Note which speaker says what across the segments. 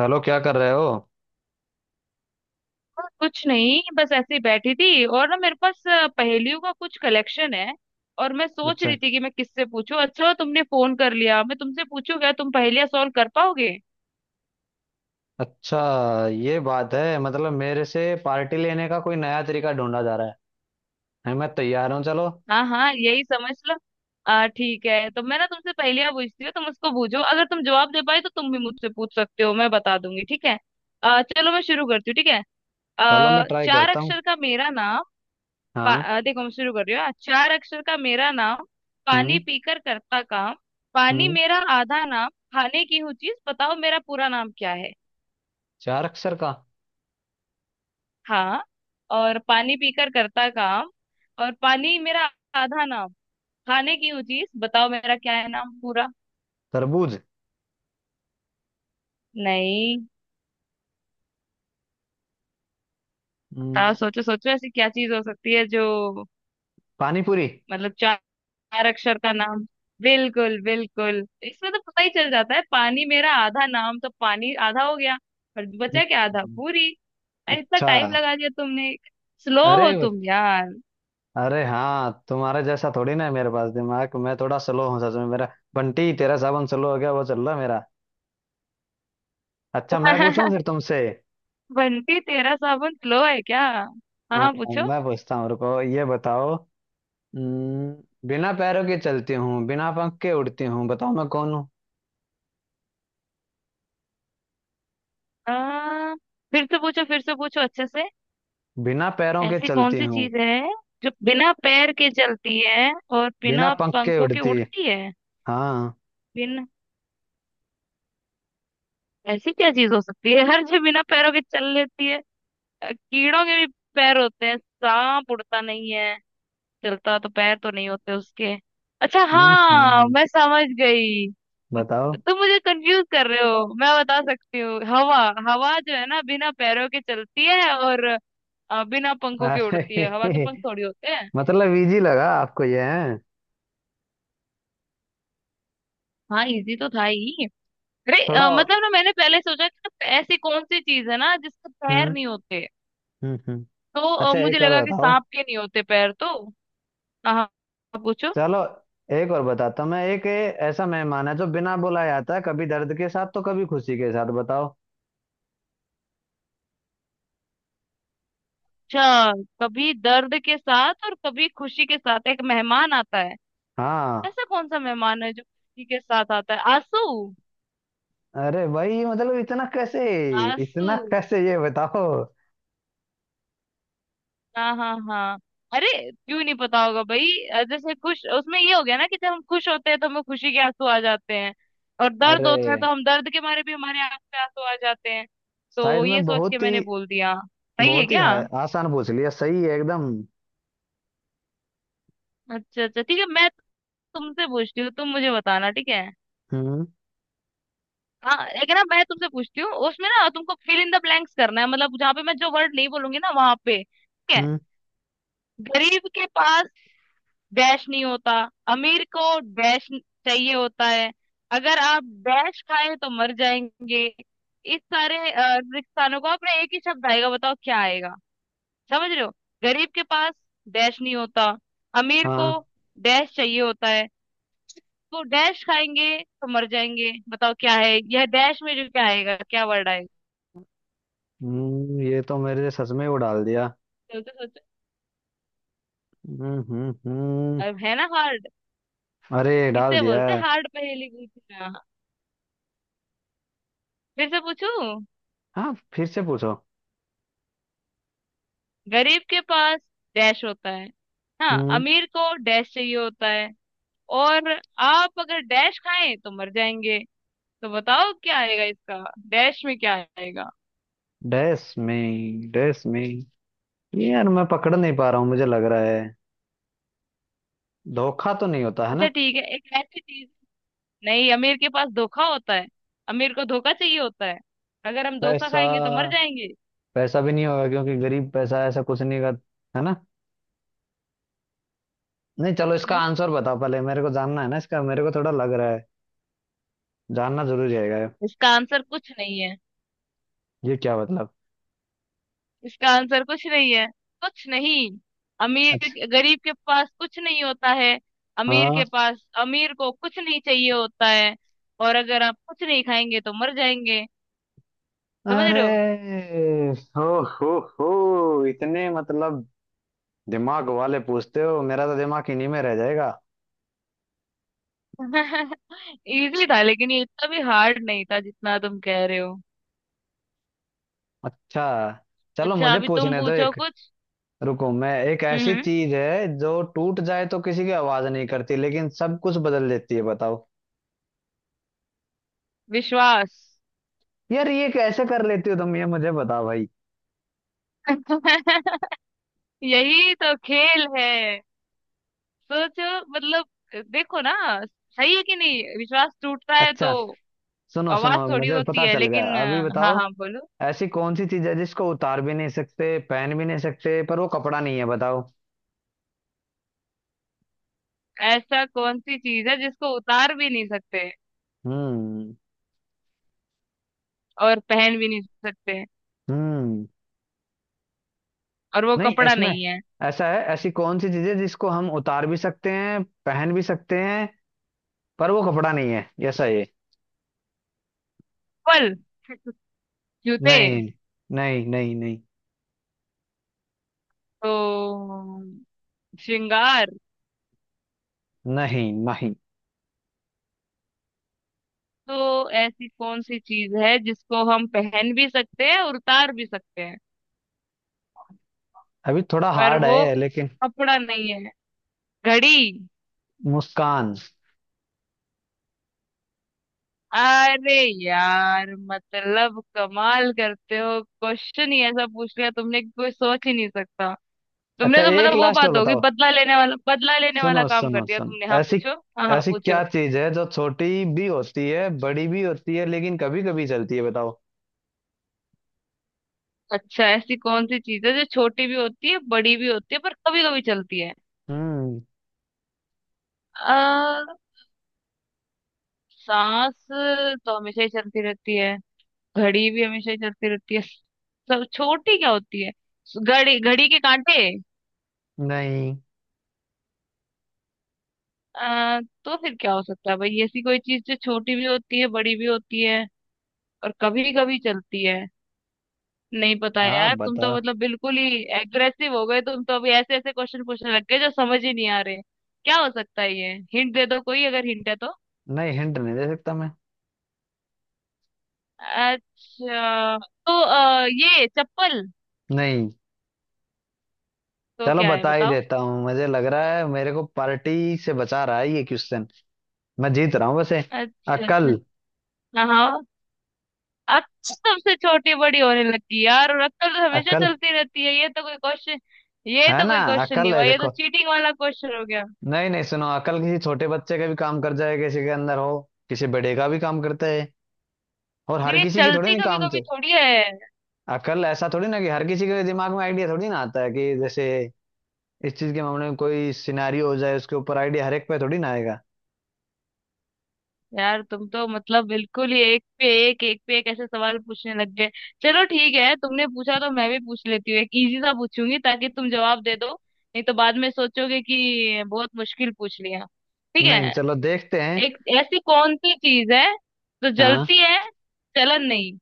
Speaker 1: Hello, क्या कर रहे हो?
Speaker 2: कुछ नहीं। बस ऐसे ही बैठी थी और ना मेरे पास पहेलियों का कुछ कलेक्शन है। और मैं सोच
Speaker 1: अच्छा।
Speaker 2: रही थी कि मैं किससे पूछूं। अच्छा हुआ तुमने फोन कर लिया। मैं तुमसे पूछूं, क्या तुम पहेलियां सॉल्व कर पाओगे?
Speaker 1: अच्छा। ये बात है, मतलब मेरे से पार्टी लेने का कोई नया तरीका ढूंढा जा रहा है। मैं तैयार हूँ, चलो।
Speaker 2: हाँ हाँ, यही समझ लो। आ ठीक है, तो मैं ना तुमसे पहेलियां पूछती हूँ। तुम उसको पूछो, अगर तुम जवाब दे पाए तो तुम भी मुझसे पूछ सकते हो, मैं बता दूंगी। ठीक है? चलो मैं शुरू करती हूँ। ठीक है?
Speaker 1: चलो मैं ट्राई
Speaker 2: चार
Speaker 1: करता हूँ।
Speaker 2: अक्षर का मेरा नाम,
Speaker 1: हाँ।
Speaker 2: देखो मैं शुरू कर रही हूँ। चार अक्षर का मेरा नाम। पानी
Speaker 1: हम्म।
Speaker 2: पीकर करता काम। पानी
Speaker 1: हम्म।
Speaker 2: मेरा आधा नाम। खाने की हूँ चीज, बताओ मेरा पूरा नाम क्या है?
Speaker 1: चार अक्षर का।
Speaker 2: हाँ। और पानी पीकर करता काम। और पानी मेरा आधा नाम। खाने की हूँ चीज, बताओ मेरा क्या है नाम पूरा?
Speaker 1: तरबूज।
Speaker 2: नहीं। बताओ,
Speaker 1: हम्म।
Speaker 2: सोचो सोचो, ऐसी क्या चीज हो सकती है जो।
Speaker 1: पानी पूरी।
Speaker 2: मतलब चार, चार अक्षर का नाम। बिल्कुल बिल्कुल। इसमें तो पता ही चल जाता है, पानी मेरा आधा नाम, तो पानी आधा हो गया और बचा क्या? आधा
Speaker 1: हम्म।
Speaker 2: पूरी। अरे इतना टाइम
Speaker 1: अच्छा।
Speaker 2: लगा दिया तुमने। स्लो हो
Speaker 1: अरे।
Speaker 2: तुम यार।
Speaker 1: अरे हाँ, तुम्हारे जैसा थोड़ी ना है मेरे पास दिमाग, मैं थोड़ा स्लो हूँ सच में। मेरा बंटी तेरा साबुन स्लो हो गया, वो चल रहा है मेरा। अच्छा मैं पूछूं फिर तुमसे।
Speaker 2: बंटी तेरा साबुन स्लो है क्या? हाँ
Speaker 1: हाँ,
Speaker 2: हाँ, पूछो।
Speaker 1: मैं पूछता हूँ, रुको, ये बताओ। हम्म, बिना पैरों के चलती हूँ, बिना पंख के उड़ती हूँ, बताओ मैं कौन हूँ।
Speaker 2: आ, फिर से पूछो, फिर से पूछो अच्छे से।
Speaker 1: बिना पैरों के
Speaker 2: ऐसी कौन
Speaker 1: चलती
Speaker 2: सी
Speaker 1: हूँ,
Speaker 2: चीज है जो बिना पैर के चलती है और
Speaker 1: बिना
Speaker 2: बिना
Speaker 1: पंख के
Speaker 2: पंखों के
Speaker 1: उड़ती।
Speaker 2: उड़ती है?
Speaker 1: हाँ।
Speaker 2: बिन ऐसी क्या चीज हो सकती है हर, जो बिना पैरों के चल लेती है। कीड़ों के भी पैर होते हैं, सांप उड़ता नहीं है। चलता, तो पैर तो नहीं होते उसके। अच्छा
Speaker 1: हम्म।
Speaker 2: हाँ, मैं समझ गई।
Speaker 1: बताओ।
Speaker 2: तुम मुझे कंफ्यूज कर रहे हो, मैं बता सकती हूँ, हवा। हवा जो है ना, बिना पैरों के चलती है और बिना पंखों के उड़ती है। हवा के
Speaker 1: अरे
Speaker 2: पंख थोड़ी होते हैं।
Speaker 1: मतलब इजी लगा आपको ये है।
Speaker 2: हाँ, इजी तो था ही। अरे
Speaker 1: थोड़ा।
Speaker 2: मतलब ना, मैंने पहले सोचा कि ना ऐसी कौन सी चीज है ना जिसके पैर
Speaker 1: हम्म।
Speaker 2: नहीं होते।
Speaker 1: हम्म। हम्म।
Speaker 2: तो
Speaker 1: अच्छा,
Speaker 2: मुझे
Speaker 1: एक और
Speaker 2: लगा कि
Speaker 1: बताओ।
Speaker 2: सांप के नहीं होते पैर तो। हाँ हाँ, पूछो।
Speaker 1: चलो एक और बताता हूँ मैं। एक ऐसा मेहमान है जो बिना बुलाए आता है, कभी दर्द के साथ तो कभी खुशी के साथ, बताओ।
Speaker 2: अच्छा, कभी दर्द के साथ और कभी खुशी के साथ एक मेहमान आता है।
Speaker 1: हाँ।
Speaker 2: ऐसा कौन सा मेहमान है जो खुशी के साथ आता है? आंसू।
Speaker 1: अरे भाई मतलब इतना कैसे,
Speaker 2: आंसू।
Speaker 1: इतना कैसे ये बताओ।
Speaker 2: हाँ हाँ हाँ। अरे क्यों नहीं पता होगा भाई। जैसे खुश, उसमें ये हो गया ना कि जब हम खुश होते हैं तो हमें खुशी के आंसू आ जाते हैं। और दर्द
Speaker 1: अरे
Speaker 2: होता है तो हम दर्द के मारे भी, हमारे आंख पे आंसू आ जाते हैं।
Speaker 1: शायद
Speaker 2: तो ये
Speaker 1: मैं
Speaker 2: सोच के
Speaker 1: बहुत ही,
Speaker 2: मैंने बोल दिया। सही है
Speaker 1: बहुत ही
Speaker 2: क्या?
Speaker 1: है, आसान पूछ लिया, सही है एकदम।
Speaker 2: अच्छा अच्छा, ठीक है। मैं तुमसे पूछती हूँ, तुम मुझे बताना। ठीक है?
Speaker 1: हम्म।
Speaker 2: हाँ, लेकिन ना मैं तुमसे पूछती हूँ उसमें ना तुमको फिल इन द ब्लैंक्स करना है, मतलब जहाँ पे मैं जो वर्ड नहीं बोलूंगी ना वहां पे। ठीक है?
Speaker 1: हम्म।
Speaker 2: गरीब के पास डैश नहीं होता। अमीर को डैश चाहिए होता है। अगर आप डैश खाएं तो मर जाएंगे। इस सारे रिक्सानों को अपने एक ही शब्द आएगा, बताओ क्या आएगा? समझ रहे हो? गरीब के पास डैश नहीं होता। अमीर को
Speaker 1: हाँ।
Speaker 2: डैश चाहिए होता है। तो डैश खाएंगे तो मर जाएंगे। बताओ क्या है यह डैश में जो, क्या आएगा, क्या वर्ड आएगा?
Speaker 1: हम्म, ये तो मेरे सच में वो डाल दिया।
Speaker 2: सोचो।
Speaker 1: हम्म। हम्म। हम्म।
Speaker 2: अब है ना हार्ड?
Speaker 1: अरे डाल
Speaker 2: इसे
Speaker 1: दिया।
Speaker 2: बोलते हैं हार्ड पहेली पूछना। फिर से पूछूं?
Speaker 1: हाँ फिर से पूछो।
Speaker 2: गरीब के पास डैश होता है। हाँ,
Speaker 1: हम्म।
Speaker 2: अमीर को डैश चाहिए होता है। और आप अगर डैश खाएं तो मर जाएंगे। तो बताओ क्या आएगा इसका? डैश में क्या आएगा?
Speaker 1: डैश में, डैश में, ये यार मैं पकड़ नहीं पा रहा हूँ, मुझे लग रहा है धोखा तो नहीं होता है ना?
Speaker 2: अच्छा ठीक है, एक ऐसी चीज। नहीं, अमीर के पास धोखा होता है। अमीर को धोखा चाहिए होता है। अगर हम धोखा
Speaker 1: पैसा।
Speaker 2: खाएंगे तो मर जाएंगे।
Speaker 1: पैसा भी नहीं होगा क्योंकि गरीब पैसा ऐसा कुछ नहीं का, है ना? नहीं, चलो इसका
Speaker 2: हम्म।
Speaker 1: आंसर बताओ पहले, मेरे को जानना है ना इसका, मेरे को थोड़ा लग रहा है जानना जरूरी रहेगा।
Speaker 2: इसका आंसर कुछ नहीं है।
Speaker 1: ये क्या मतलब?
Speaker 2: इसका आंसर कुछ नहीं है। कुछ नहीं।
Speaker 1: अच्छा।
Speaker 2: अमीर गरीब के पास कुछ नहीं होता है। अमीर
Speaker 1: हाँ।
Speaker 2: के पास, अमीर को कुछ नहीं चाहिए होता है। और अगर आप कुछ नहीं खाएंगे तो मर जाएंगे। समझ रहे हो?
Speaker 1: अरे। हो हो हो इतने मतलब दिमाग वाले पूछते हो, मेरा तो दिमाग इन्हीं में रह जाएगा।
Speaker 2: इजी था, लेकिन ये इतना भी हार्ड नहीं था जितना तुम कह रहे हो।
Speaker 1: अच्छा, चलो
Speaker 2: अच्छा,
Speaker 1: मुझे
Speaker 2: अभी तुम
Speaker 1: पूछने दो
Speaker 2: पूछो
Speaker 1: एक।
Speaker 2: कुछ।
Speaker 1: रुको। मैं एक,
Speaker 2: हम्म
Speaker 1: ऐसी
Speaker 2: हम्म,
Speaker 1: चीज है जो टूट जाए तो किसी की आवाज नहीं करती लेकिन सब कुछ बदल देती है, बताओ।
Speaker 2: विश्वास।
Speaker 1: यार ये कैसे कर लेती हो तुम, ये मुझे बताओ भाई।
Speaker 2: यही तो खेल है। सोचो मतलब। देखो ना। सही है कि नहीं, विश्वास टूटता है तो
Speaker 1: अच्छा, सुनो, सुनो
Speaker 2: आवाज थोड़ी
Speaker 1: मुझे
Speaker 2: होती
Speaker 1: पता
Speaker 2: है,
Speaker 1: चल गया,
Speaker 2: लेकिन
Speaker 1: अभी
Speaker 2: हाँ
Speaker 1: बताओ।
Speaker 2: हाँ, बोलो।
Speaker 1: ऐसी कौन सी चीज है जिसको उतार भी नहीं सकते, पहन भी नहीं सकते, पर वो कपड़ा नहीं है, बताओ।
Speaker 2: ऐसा कौन सी चीज है जिसको उतार भी नहीं सकते
Speaker 1: हम्म।
Speaker 2: और पहन भी नहीं सकते
Speaker 1: हम्म।
Speaker 2: और वो
Speaker 1: नहीं,
Speaker 2: कपड़ा
Speaker 1: इसमें
Speaker 2: नहीं है?
Speaker 1: ऐसा है, ऐसी कौन सी चीज है जिसको हम उतार भी सकते हैं, पहन भी सकते हैं, पर वो कपड़ा नहीं है, ऐसा ये।
Speaker 2: फल। जूते।
Speaker 1: नहीं, नहीं, नहीं। नहीं,
Speaker 2: तो श्रृंगार।
Speaker 1: नहीं, नहीं।
Speaker 2: तो ऐसी कौन सी चीज है जिसको हम पहन भी सकते हैं और उतार भी सकते हैं
Speaker 1: अभी थोड़ा
Speaker 2: पर
Speaker 1: हार्ड
Speaker 2: वो
Speaker 1: है लेकिन।
Speaker 2: कपड़ा नहीं है? घड़ी।
Speaker 1: मुस्कान।
Speaker 2: अरे यार, मतलब कमाल करते हो, क्वेश्चन ही ऐसा पूछ लिया तुमने कि कोई सोच ही नहीं सकता। तुमने
Speaker 1: अच्छा,
Speaker 2: तो
Speaker 1: एक
Speaker 2: मतलब वो
Speaker 1: लास्ट और
Speaker 2: बात होगी,
Speaker 1: बताओ।
Speaker 2: बदला लेने वाला, बदला लेने
Speaker 1: सुनो,
Speaker 2: वाला काम
Speaker 1: सुनो,
Speaker 2: कर दिया तुमने।
Speaker 1: सुनो,
Speaker 2: हाँ
Speaker 1: ऐसी,
Speaker 2: पूछो, हाँ हाँ
Speaker 1: ऐसी
Speaker 2: पूछो।
Speaker 1: क्या चीज है जो छोटी भी होती है, बड़ी भी होती है, लेकिन कभी कभी चलती है, बताओ।
Speaker 2: अच्छा, ऐसी कौन सी चीज है जो छोटी भी होती है, बड़ी भी होती है, पर कभी कभी चलती है?
Speaker 1: हम्म।
Speaker 2: आ, सांस तो हमेशा ही चलती रहती है। घड़ी भी हमेशा ही चलती रहती है, सब छोटी क्या होती है? घड़ी, घड़ी के कांटे।
Speaker 1: नहीं।
Speaker 2: आ, तो फिर क्या हो सकता है भाई? ऐसी कोई चीज जो छोटी भी होती है, बड़ी भी होती है और कभी कभी चलती है। नहीं पता
Speaker 1: आप
Speaker 2: यार, तुम
Speaker 1: बता।
Speaker 2: तो मतलब बिल्कुल ही एग्रेसिव हो गए, तुम तो अभी ऐसे ऐसे क्वेश्चन पूछने लग गए जो समझ ही नहीं आ रहे। क्या हो सकता है ये? हिंट दे दो कोई, अगर हिंट है तो।
Speaker 1: नहीं, हिंट नहीं दे सकता मैं।
Speaker 2: अच्छा। तो ये चप्पल।
Speaker 1: नहीं,
Speaker 2: तो
Speaker 1: चलो
Speaker 2: क्या है
Speaker 1: बता ही
Speaker 2: बताओ।
Speaker 1: देता हूँ, मुझे लग रहा है मेरे को पार्टी से बचा रहा है ये क्वेश्चन। मैं जीत रहा हूँ वैसे।
Speaker 2: अच्छा अच्छा।
Speaker 1: अकल।
Speaker 2: हाँ हाँ। अब सबसे छोटी, बड़ी होने लगी यार, और अक्कल तो हमेशा
Speaker 1: अकल।
Speaker 2: चलती रहती है, ये तो कोई क्वेश्चन। ये
Speaker 1: है
Speaker 2: तो
Speaker 1: ना?
Speaker 2: कोई क्वेश्चन नहीं
Speaker 1: अकल है,
Speaker 2: हुआ, ये तो
Speaker 1: देखो।
Speaker 2: चीटिंग वाला क्वेश्चन हो गया।
Speaker 1: नहीं नहीं, सुनो, अकल किसी छोटे बच्चे का भी काम कर जाए, किसी के अंदर हो, किसी बड़े का भी काम करता है, और हर
Speaker 2: लेकिन ये
Speaker 1: किसी की थोड़ी
Speaker 2: चलती
Speaker 1: ना
Speaker 2: कभी
Speaker 1: काम
Speaker 2: कभी
Speaker 1: तो।
Speaker 2: थोड़ी है।
Speaker 1: अकल ऐसा थोड़ी ना कि हर किसी के दिमाग में आइडिया थोड़ी ना आता है, कि जैसे इस चीज के मामले में कोई सिनारियो हो जाए उसके ऊपर आइडिया हर एक पे थोड़ी ना आएगा।
Speaker 2: यार, तुम तो मतलब बिल्कुल ही एक पे एक ऐसे सवाल पूछने लग गए। चलो ठीक है, तुमने पूछा तो मैं भी पूछ लेती हूँ। एक इजी सा पूछूंगी ताकि तुम जवाब दे दो, नहीं तो बाद में सोचोगे कि बहुत मुश्किल पूछ लिया। ठीक
Speaker 1: नहीं,
Speaker 2: है।
Speaker 1: चलो देखते हैं।
Speaker 2: एक ऐसी कौन सी चीज है जो
Speaker 1: हाँ।
Speaker 2: जलती है, जलन नहीं,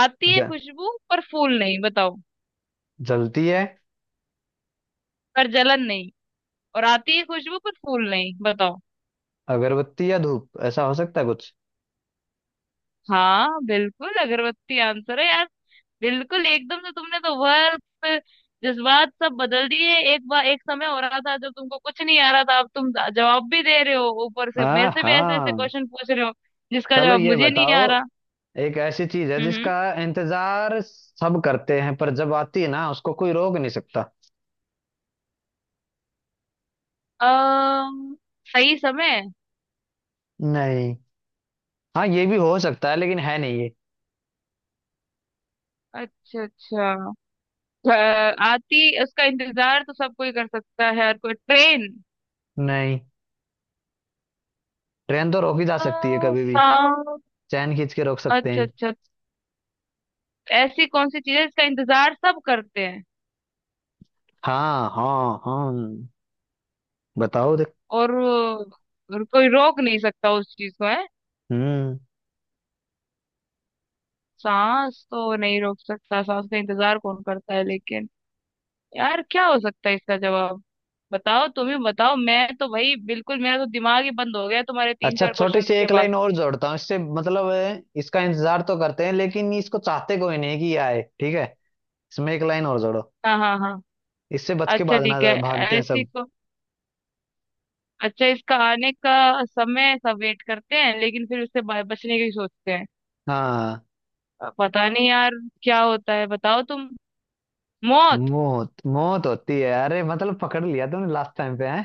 Speaker 2: आती है
Speaker 1: ज-
Speaker 2: खुशबू पर फूल नहीं, बताओ।
Speaker 1: जलती है।
Speaker 2: पर जलन नहीं, और आती है खुशबू पर फूल नहीं, बताओ।
Speaker 1: अगरबत्ती या धूप, ऐसा हो सकता है कुछ।
Speaker 2: हाँ बिल्कुल, अगरबत्ती आंसर है यार। बिल्कुल एकदम से, तुमने तो वर्ब, जज्बात सब बदल दिए। एक बार एक समय हो रहा था जब तुमको कुछ नहीं आ रहा था, अब तुम जवाब भी दे रहे हो, ऊपर से मेरे
Speaker 1: हाँ,
Speaker 2: से भी ऐसे ऐसे
Speaker 1: हाँ।
Speaker 2: क्वेश्चन पूछ रहे हो, जिसका
Speaker 1: चलो
Speaker 2: जवाब
Speaker 1: ये
Speaker 2: मुझे नहीं
Speaker 1: बताओ,
Speaker 2: आ रहा।
Speaker 1: एक ऐसी चीज है
Speaker 2: हम्म।
Speaker 1: जिसका इंतजार सब करते हैं पर जब आती है ना उसको कोई रोक नहीं सकता।
Speaker 2: अम्म, सही समय।
Speaker 1: नहीं। हाँ, ये भी हो सकता है लेकिन है नहीं ये।
Speaker 2: अच्छा अच्छा। अ, आती, उसका इंतजार तो सब कोई कर सकता है, हर कोई। ट्रेन।
Speaker 1: नहीं, ट्रेन तो रोकी जा
Speaker 2: अ,
Speaker 1: सकती है कभी भी,
Speaker 2: सा।
Speaker 1: चैन खींच के रोक सकते
Speaker 2: अच्छा
Speaker 1: हैं।
Speaker 2: अच्छा, ऐसी कौन सी चीज है जिसका इंतजार सब करते हैं?
Speaker 1: हाँ, हाँ, हाँ, बताओ देख।
Speaker 2: और कोई रोक नहीं सकता उस चीज को, है?
Speaker 1: हम्म।
Speaker 2: सांस तो नहीं रोक सकता, सांस का इंतजार कौन करता है लेकिन। यार क्या हो सकता है इसका जवाब? बताओ, तुम ही बताओ, मैं तो भाई बिल्कुल, मेरा तो दिमाग ही बंद हो गया तुम्हारे तीन
Speaker 1: अच्छा,
Speaker 2: चार
Speaker 1: छोटी
Speaker 2: क्वेश्चंस
Speaker 1: सी
Speaker 2: के
Speaker 1: एक
Speaker 2: बाद।
Speaker 1: लाइन और जोड़ता हूँ इससे, मतलब है, इसका इंतजार तो करते हैं लेकिन इसको चाहते कोई नहीं कि ये आए, ठीक है? इसमें एक लाइन और जोड़ो,
Speaker 2: हाँ हाँ हाँ।
Speaker 1: इससे बच के
Speaker 2: अच्छा
Speaker 1: भागना,
Speaker 2: ठीक है।
Speaker 1: भागते हैं
Speaker 2: ऐसी
Speaker 1: सब।
Speaker 2: को अच्छा, इसका आने का समय सब वेट करते हैं, लेकिन फिर उससे बचने की सोचते हैं।
Speaker 1: हाँ।
Speaker 2: पता नहीं यार। क्या होता है, बताओ तुम। मौत।
Speaker 1: मौत। मौत होती है, अरे मतलब पकड़ लिया तुमने लास्ट टाइम पे है।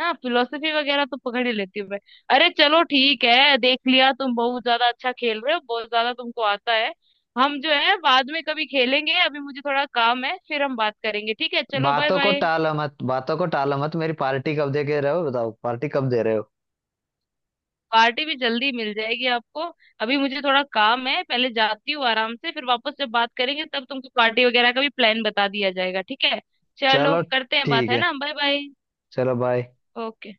Speaker 2: हाँ, फिलोसफी वगैरह तो पकड़ ही लेती हूँ मैं। अरे चलो ठीक है, देख लिया तुम बहुत ज्यादा अच्छा खेल रहे हो, बहुत ज्यादा तुमको आता है। हम जो है बाद में कभी खेलेंगे, अभी मुझे थोड़ा काम है, फिर हम बात करेंगे ठीक है? चलो बाय
Speaker 1: बातों को
Speaker 2: बाय।
Speaker 1: टालो मत, बातों को टालो मत, मेरी पार्टी कब दे के रहे हो बताओ, पार्टी कब दे रहे हो?
Speaker 2: पार्टी भी जल्दी मिल जाएगी आपको। अभी मुझे थोड़ा काम है, पहले जाती हूँ आराम से, फिर वापस जब बात करेंगे तब तुमको पार्टी वगैरह का भी प्लान बता दिया जाएगा, ठीक है? चलो,
Speaker 1: चलो।
Speaker 2: करते हैं बात,
Speaker 1: ठीक
Speaker 2: है
Speaker 1: है।
Speaker 2: ना? Bye bye.
Speaker 1: चलो, बाय।
Speaker 2: ओके।